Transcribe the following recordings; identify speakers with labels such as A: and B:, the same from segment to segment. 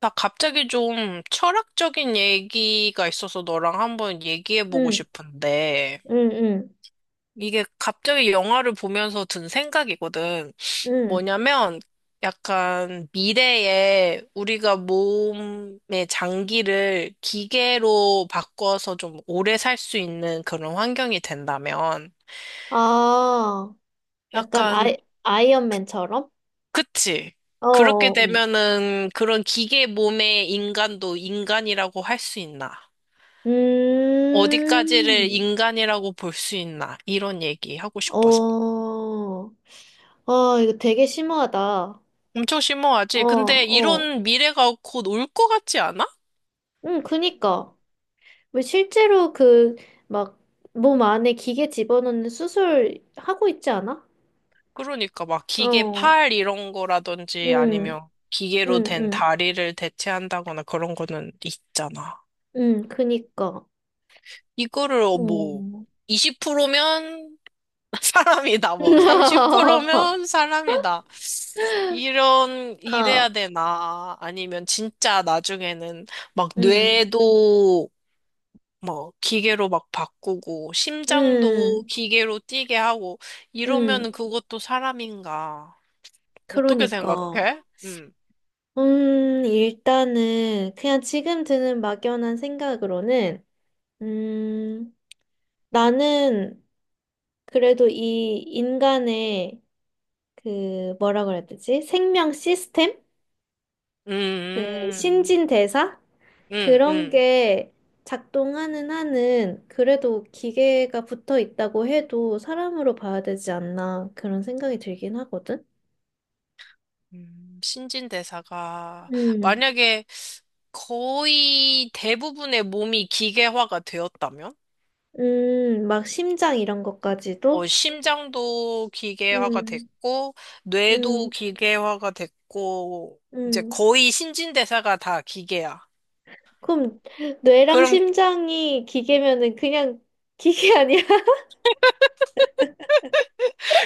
A: 나 갑자기 좀 철학적인 얘기가 있어서 너랑 한번 얘기해보고
B: 응,
A: 싶은데,
B: 응, 응,
A: 이게 갑자기 영화를 보면서 든 생각이거든.
B: 응.
A: 뭐냐면, 약간 미래에 우리가 몸의 장기를 기계로 바꿔서 좀 오래 살 수 있는 그런 환경이 된다면,
B: 아, 약간
A: 약간,
B: 아이언맨처럼?
A: 그치?
B: 어,
A: 그렇게
B: 어, 어.
A: 되면은 그런 기계 몸의 인간도 인간이라고 할 수 있나? 어디까지를
B: 음,
A: 인간이라고 볼 수 있나? 이런 얘기 하고 싶어서.
B: 어, 아, 이거 되게 심하다. 어,
A: 엄청 심오하지? 근데
B: 어.
A: 이런 미래가 곧 올 것 같지 않아?
B: 응, 그니까. 왜 실제로 그, 막, 몸 안에 기계 집어넣는 수술 하고 있지 않아?
A: 그러니까 막 기계
B: 어,
A: 팔 이런 거라든지
B: 응,
A: 아니면 기계로
B: 응,
A: 된
B: 응,
A: 다리를 대체한다거나 그런 거는 있잖아.
B: 응, 그니까.
A: 이거를 어, 뭐
B: 어.
A: 20%면 사람이다, 뭐 30%면 사람이다. 이런, 이래야
B: 어,
A: 되나? 아니면 진짜 나중에는 막
B: 응,
A: 뇌도 뭐 기계로 막 바꾸고 심장도
B: 응.
A: 기계로 뛰게 하고
B: 음,
A: 이러면은 그것도 사람인가? 어떻게
B: 그러니까.
A: 생각해? 음.
B: 일단은 그냥 지금 드는 막연한 생각으로는, 음, 나는 그래도 이 인간의 그 뭐라 그래야 되지? 생명 시스템? 그
A: 음.
B: 신진대사?
A: 음.
B: 그런
A: 음.
B: 게 작동하는 한은 그래도 기계가 붙어 있다고 해도 사람으로 봐야 되지 않나 그런 생각이 들긴 하거든?
A: 음. 신진대사가
B: 음,
A: 만약에 거의 대부분의 몸이 기계화가 되었다면?
B: 막 심장 이런
A: 어,
B: 것까지도?
A: 심장도 기계화가
B: 음.
A: 됐고, 뇌도
B: 음,
A: 기계화가 됐고, 이제
B: 음.
A: 거의 신진대사가 다 기계야.
B: 그럼 뇌랑
A: 그럼
B: 심장이 기계면은 그냥 기계 아니야?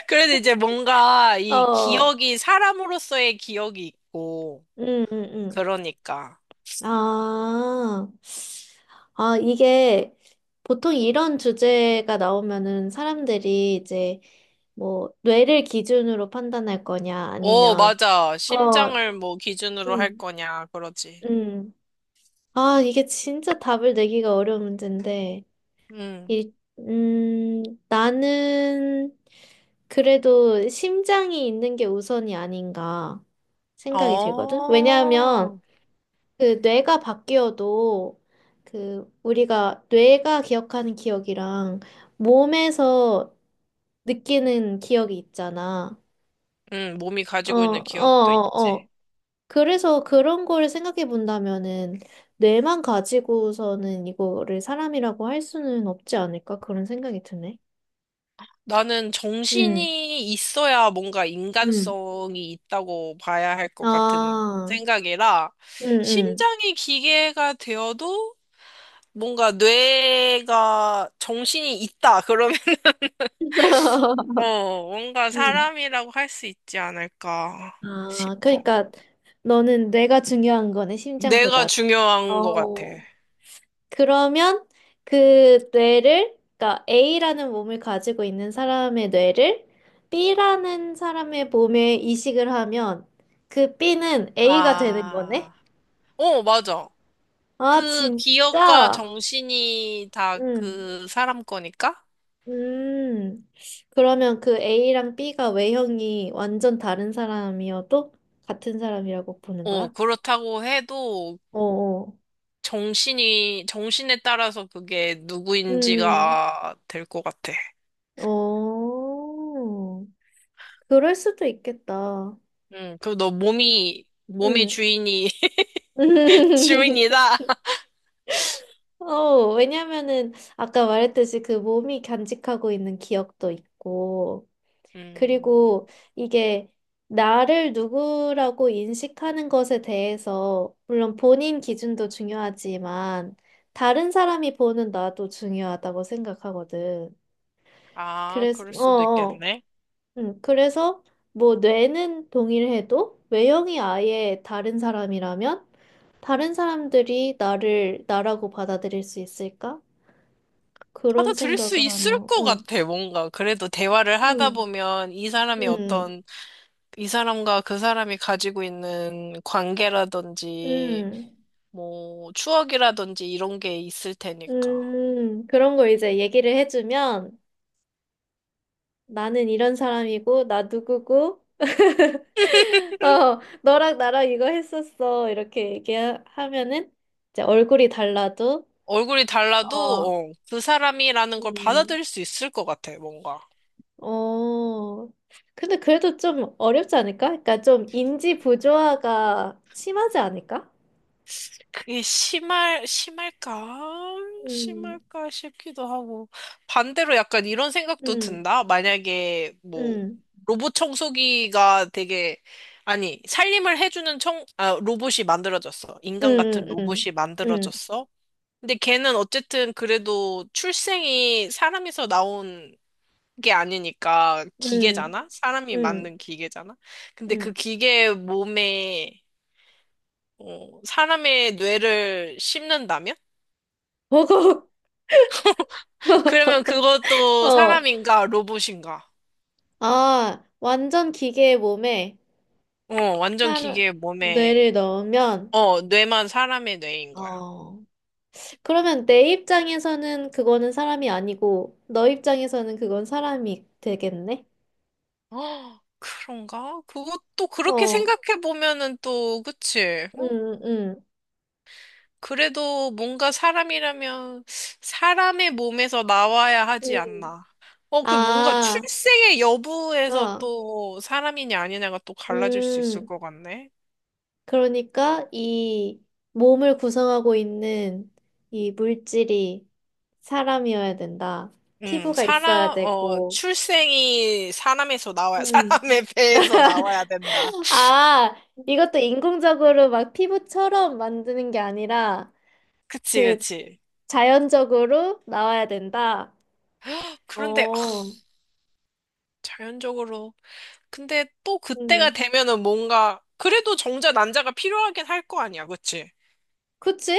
A: 그래도 이제 뭔가 이
B: 어,
A: 기억이 사람으로서의 기억이 있고,
B: 음, 음, 음.
A: 그러니까.
B: 아, 아, 이게 보통 이런 주제가 나오면은 사람들이 이제 뭐 뇌를 기준으로 판단할 거냐
A: 어,
B: 아니면
A: 맞아.
B: 어,
A: 심장을 뭐 기준으로 할
B: 음,
A: 거냐, 그러지.
B: 음. 아, 이게 진짜 답을 내기가 어려운 문제인데.
A: 응.
B: 일, 음, 나는 그래도 심장이 있는 게 우선이 아닌가 생각이 들거든. 왜냐하면
A: 어.
B: 그 뇌가 바뀌어도 그 우리가 뇌가 기억하는 기억이랑 몸에서 느끼는 기억이 있잖아.
A: 응, 몸이
B: 어,
A: 가지고 있는
B: 어,
A: 기억도
B: 어,
A: 있지.
B: 어. 그래서 그런 거를 생각해 본다면은 뇌만 가지고서는 이거를 사람이라고 할 수는 없지 않을까 그런 생각이 드네.
A: 나는
B: 음.
A: 정신이 있어야 뭔가
B: 음.
A: 인간성이 있다고 봐야 할 것 같은
B: 아,
A: 생각이라,
B: 응, 응.
A: 심장이 기계가 되어도 뭔가 뇌가 정신이 있다. 어, 뭔가
B: 응.
A: 사람이라고 할 수 있지 않을까
B: 아,
A: 싶어.
B: 그러니까 너는 뇌가 중요한 거네,
A: 내가
B: 심장보다.
A: 중요한 것 같아.
B: 어, 그러면 그 뇌를, 그러니까 A라는 몸을 가지고 있는 사람의 뇌를 B라는 사람의 몸에 이식을 하면 그 B는 A가 되는 거네?
A: 아, 어, 맞아.
B: 아,
A: 그 기억과
B: 진짜?
A: 정신이 다
B: 응.
A: 그 사람 거니까?
B: 음, 그러면 그 A랑 B가 외형이 완전 다른 사람이어도 같은 사람이라고 보는
A: 어,
B: 거야?
A: 그렇다고 해도
B: 어어.
A: 정신에 따라서 그게
B: 음,
A: 누구인지가 될 것 같아.
B: 어. 그럴 수도 있겠다.
A: 응, 그리고 너 몸의
B: 음.
A: 주인이, 주인이다.
B: 어, 왜냐면은 아까 말했듯이 그 몸이 간직하고 있는 기억도 있고, 그리고
A: 음,
B: 이게 나를 누구라고 인식하는 것에 대해서, 물론 본인 기준도 중요하지만, 다른 사람이 보는 나도 중요하다고 생각하거든.
A: 아,
B: 그래서,
A: 그럴
B: 어,
A: 수도
B: 어.
A: 있겠네.
B: 응, 그래서 뭐 뇌는 동일해도 외형이 아예 다른 사람이라면 다른 사람들이 나를 나라고 받아들일 수 있을까? 그런
A: 받아들일 수
B: 생각을
A: 있을
B: 하면,
A: 것
B: 응,
A: 같아, 뭔가. 그래도 대화를 하다
B: 응,
A: 보면 이 사람이
B: 응,
A: 어떤, 이 사람과 그 사람이 가지고 있는 관계라든지,
B: 응.
A: 뭐, 추억이라든지 이런 게 있을 테니까.
B: 그런 거 이제 얘기를 해주면 나는 이런 사람이고, 나 누구고, 어, 너랑 나랑 이거 했었어. 이렇게 얘기하면은 이제 얼굴이 달라도,
A: 얼굴이 달라도,
B: 어,
A: 어, 그 사람이라는 걸
B: 음,
A: 받아들일 수 있을 것 같아, 뭔가.
B: 어. 근데 그래도 좀 어렵지 않을까? 그러니까 좀 인지 부조화가 심하지 않을까?
A: 심할까?
B: 음,
A: 심할까 싶기도 하고. 반대로 약간 이런 생각도
B: 음,
A: 든다? 만약에 뭐,
B: 음,
A: 로봇 청소기가 되게, 아니, 살림을 해주는 청, 아, 로봇이 만들어졌어. 인간
B: 음,
A: 같은
B: 음,
A: 로봇이
B: 음,
A: 만들어졌어. 근데 걔는 어쨌든 그래도 출생이 사람에서 나온 게 아니니까
B: 음, 음,
A: 기계잖아? 사람이
B: 음,
A: 만든 기계잖아? 근데 그
B: 음.
A: 기계 몸에, 어, 사람의 뇌를 심는다면?
B: 버거.
A: 그러면 그것도
B: 어.
A: 사람인가 로봇인가?
B: 아, 완전 기계의 몸에
A: 어, 완전
B: 살,
A: 기계 몸에,
B: 뇌를 넣으면,
A: 어, 뇌만 사람의 뇌인 거야.
B: 어, 그러면 내 입장에서는 그거는 사람이 아니고, 너 입장에서는 그건 사람이 되겠네?
A: 어, 그런가? 그것도 그렇게
B: 어,
A: 생각해 보면은 또, 그치? 어?
B: 음, 음,
A: 그래도 뭔가 사람이라면 사람의 몸에서 나와야 하지
B: 음.
A: 않나. 어, 그 뭔가
B: 아,
A: 출생의 여부에서
B: 어,
A: 또 사람이냐 아니냐가 또 갈라질 수 있을
B: 음.
A: 것 같네.
B: 그러니까 이 몸을 구성하고 있는 이 물질이 사람이어야 된다. 피부가 있어야
A: 사람, 어,
B: 되고,
A: 출생이 사람에서 나와야,
B: 음.
A: 사람의 배에서 나와야 된다.
B: 아, 이것도 인공적으로 막 피부처럼 만드는 게 아니라
A: 그치,
B: 그
A: 그치.
B: 자연적으로 나와야 된다.
A: 그런데, 아,
B: 어,
A: 자연적으로. 근데 또 그때가
B: 음,
A: 되면은 뭔가, 그래도 정자 난자가 필요하긴 할 거 아니야, 그치?
B: 그치?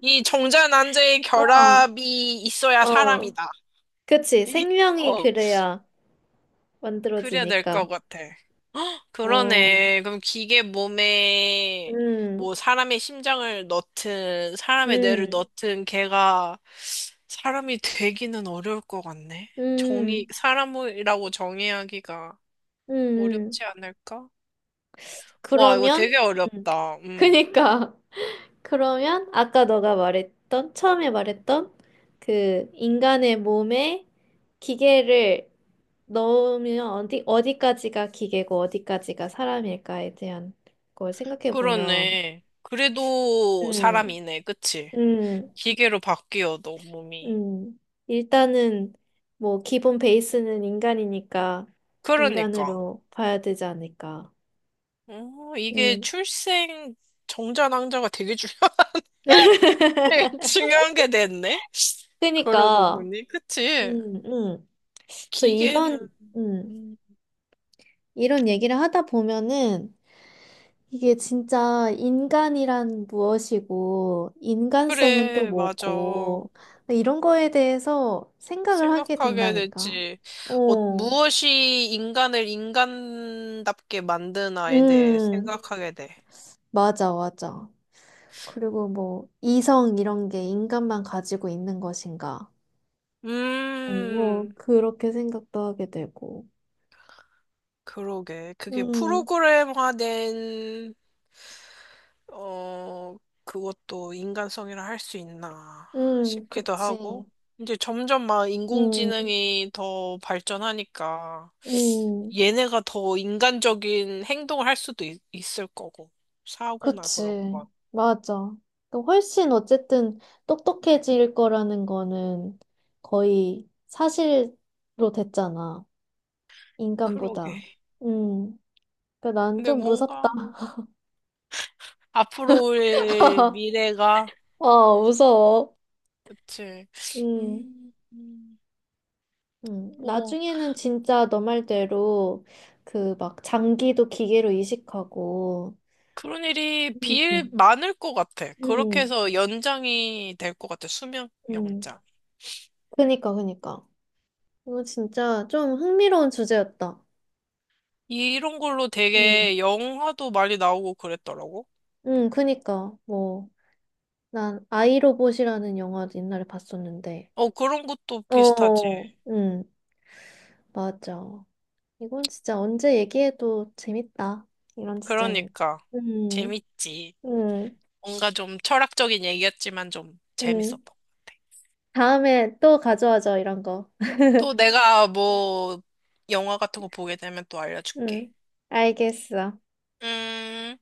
A: 이 정자 난자의
B: 어,
A: 결합이 있어야
B: 어,
A: 사람이다.
B: 그치.
A: 이-
B: 생명이
A: 어,
B: 그래야
A: 그래야 될
B: 만들어지니까.
A: 것 같아.
B: 어,
A: 그러네. 그럼 기계 몸에
B: 음,
A: 뭐 사람의 심장을 넣든 사람의 뇌를
B: 음,
A: 넣든 걔가 사람이 되기는 어려울 것 같네. 정의,
B: 음,
A: 사람이라고 정의하기가
B: 음, 음.
A: 어렵지 않을까? 와, 이거
B: 그러면,
A: 되게
B: 음,
A: 어렵다. 음.
B: 그니까. 그러면 아까 너가 말했던, 처음에 말했던 그 인간의 몸에 기계를 넣으면 어디, 어디까지가 기계고 어디까지가 사람일까에 대한 걸 생각해 보면,
A: 그러네. 그래도
B: 음,
A: 사람이네. 그치?
B: 음,
A: 기계로 바뀌어도 몸이.
B: 음. 일단은 뭐 기본 베이스는 인간이니까
A: 그러니까.
B: 인간으로 봐야 되지 않을까.
A: 어, 이게
B: 음.
A: 출생 정자 낭자가 되게 중요하다. 되게 중요한 게 됐네. 그러고
B: 그니까,
A: 보니, 그치?
B: 음, 음. 그래서 이런,
A: 기계는,
B: 음.
A: 음,
B: 이런 얘기를 하다 보면은 이게 진짜 인간이란 무엇이고 인간성은 또
A: 그래, 맞아.
B: 뭐고 이런 거에 대해서 생각을 하게
A: 생각하게
B: 된다니까.
A: 됐지. 어,
B: 어,
A: 무엇이 인간을 인간답게 만드나에 대해
B: 음,
A: 생각하게 돼.
B: 맞아, 맞아. 그리고 뭐 이성 이런 게 인간만 가지고 있는 것인가? 어, 어,
A: 음,
B: 그렇게 생각도 하게 되고.
A: 그러게. 그게
B: 음,
A: 프로그램화된, 어, 그것도 인간성이라 할 수 있나 싶기도
B: 그치.
A: 하고. 이제 점점 막
B: 음,
A: 인공지능이 더 발전하니까.
B: 음.
A: 얘네가 더 인간적인 행동을 할 수도 있을 거고. 사고나 그런
B: 그치.
A: 거.
B: 맞아. 그 훨씬 어쨌든 똑똑해질 거라는 거는 거의 사실로 됐잖아.
A: 그러게.
B: 인간보다. 음. 그러니까 난
A: 근데
B: 좀 무섭다.
A: 뭔가 앞으로의 미래가
B: 어, 무서워.
A: 그치.
B: 음.
A: 음, 음,
B: 음.
A: 뭐
B: 나중에는 진짜 너 말대로 그 막 장기도 기계로 이식하고.
A: 그런 일이 비일
B: 음.
A: 많을 것 같아. 그렇게
B: 음.
A: 해서 연장이 될 것 같아. 수명
B: 음.
A: 연장.
B: 그니까, 그니까. 이거 진짜 좀 흥미로운 주제였다.
A: 이런 걸로
B: 음.
A: 되게 영화도 많이 나오고 그랬더라고.
B: 그니까, 뭐. 난 아이로봇이라는 영화 옛날에 봤었는데.
A: 어, 그런 것도 비슷하지.
B: 어, 응, 맞아. 이건 진짜 언제 얘기해도 재밌다. 이런 주제는.
A: 그러니까
B: 음,
A: 재밌지.
B: 음,
A: 뭔가 좀 철학적인 얘기였지만 좀 재밌었던
B: 음.
A: 것 같아.
B: 다음에 또 가져와줘, 이런 거.
A: 또 내가 뭐 영화 같은 거 보게 되면 또 알려줄게.
B: 음, 알겠어.
A: 음.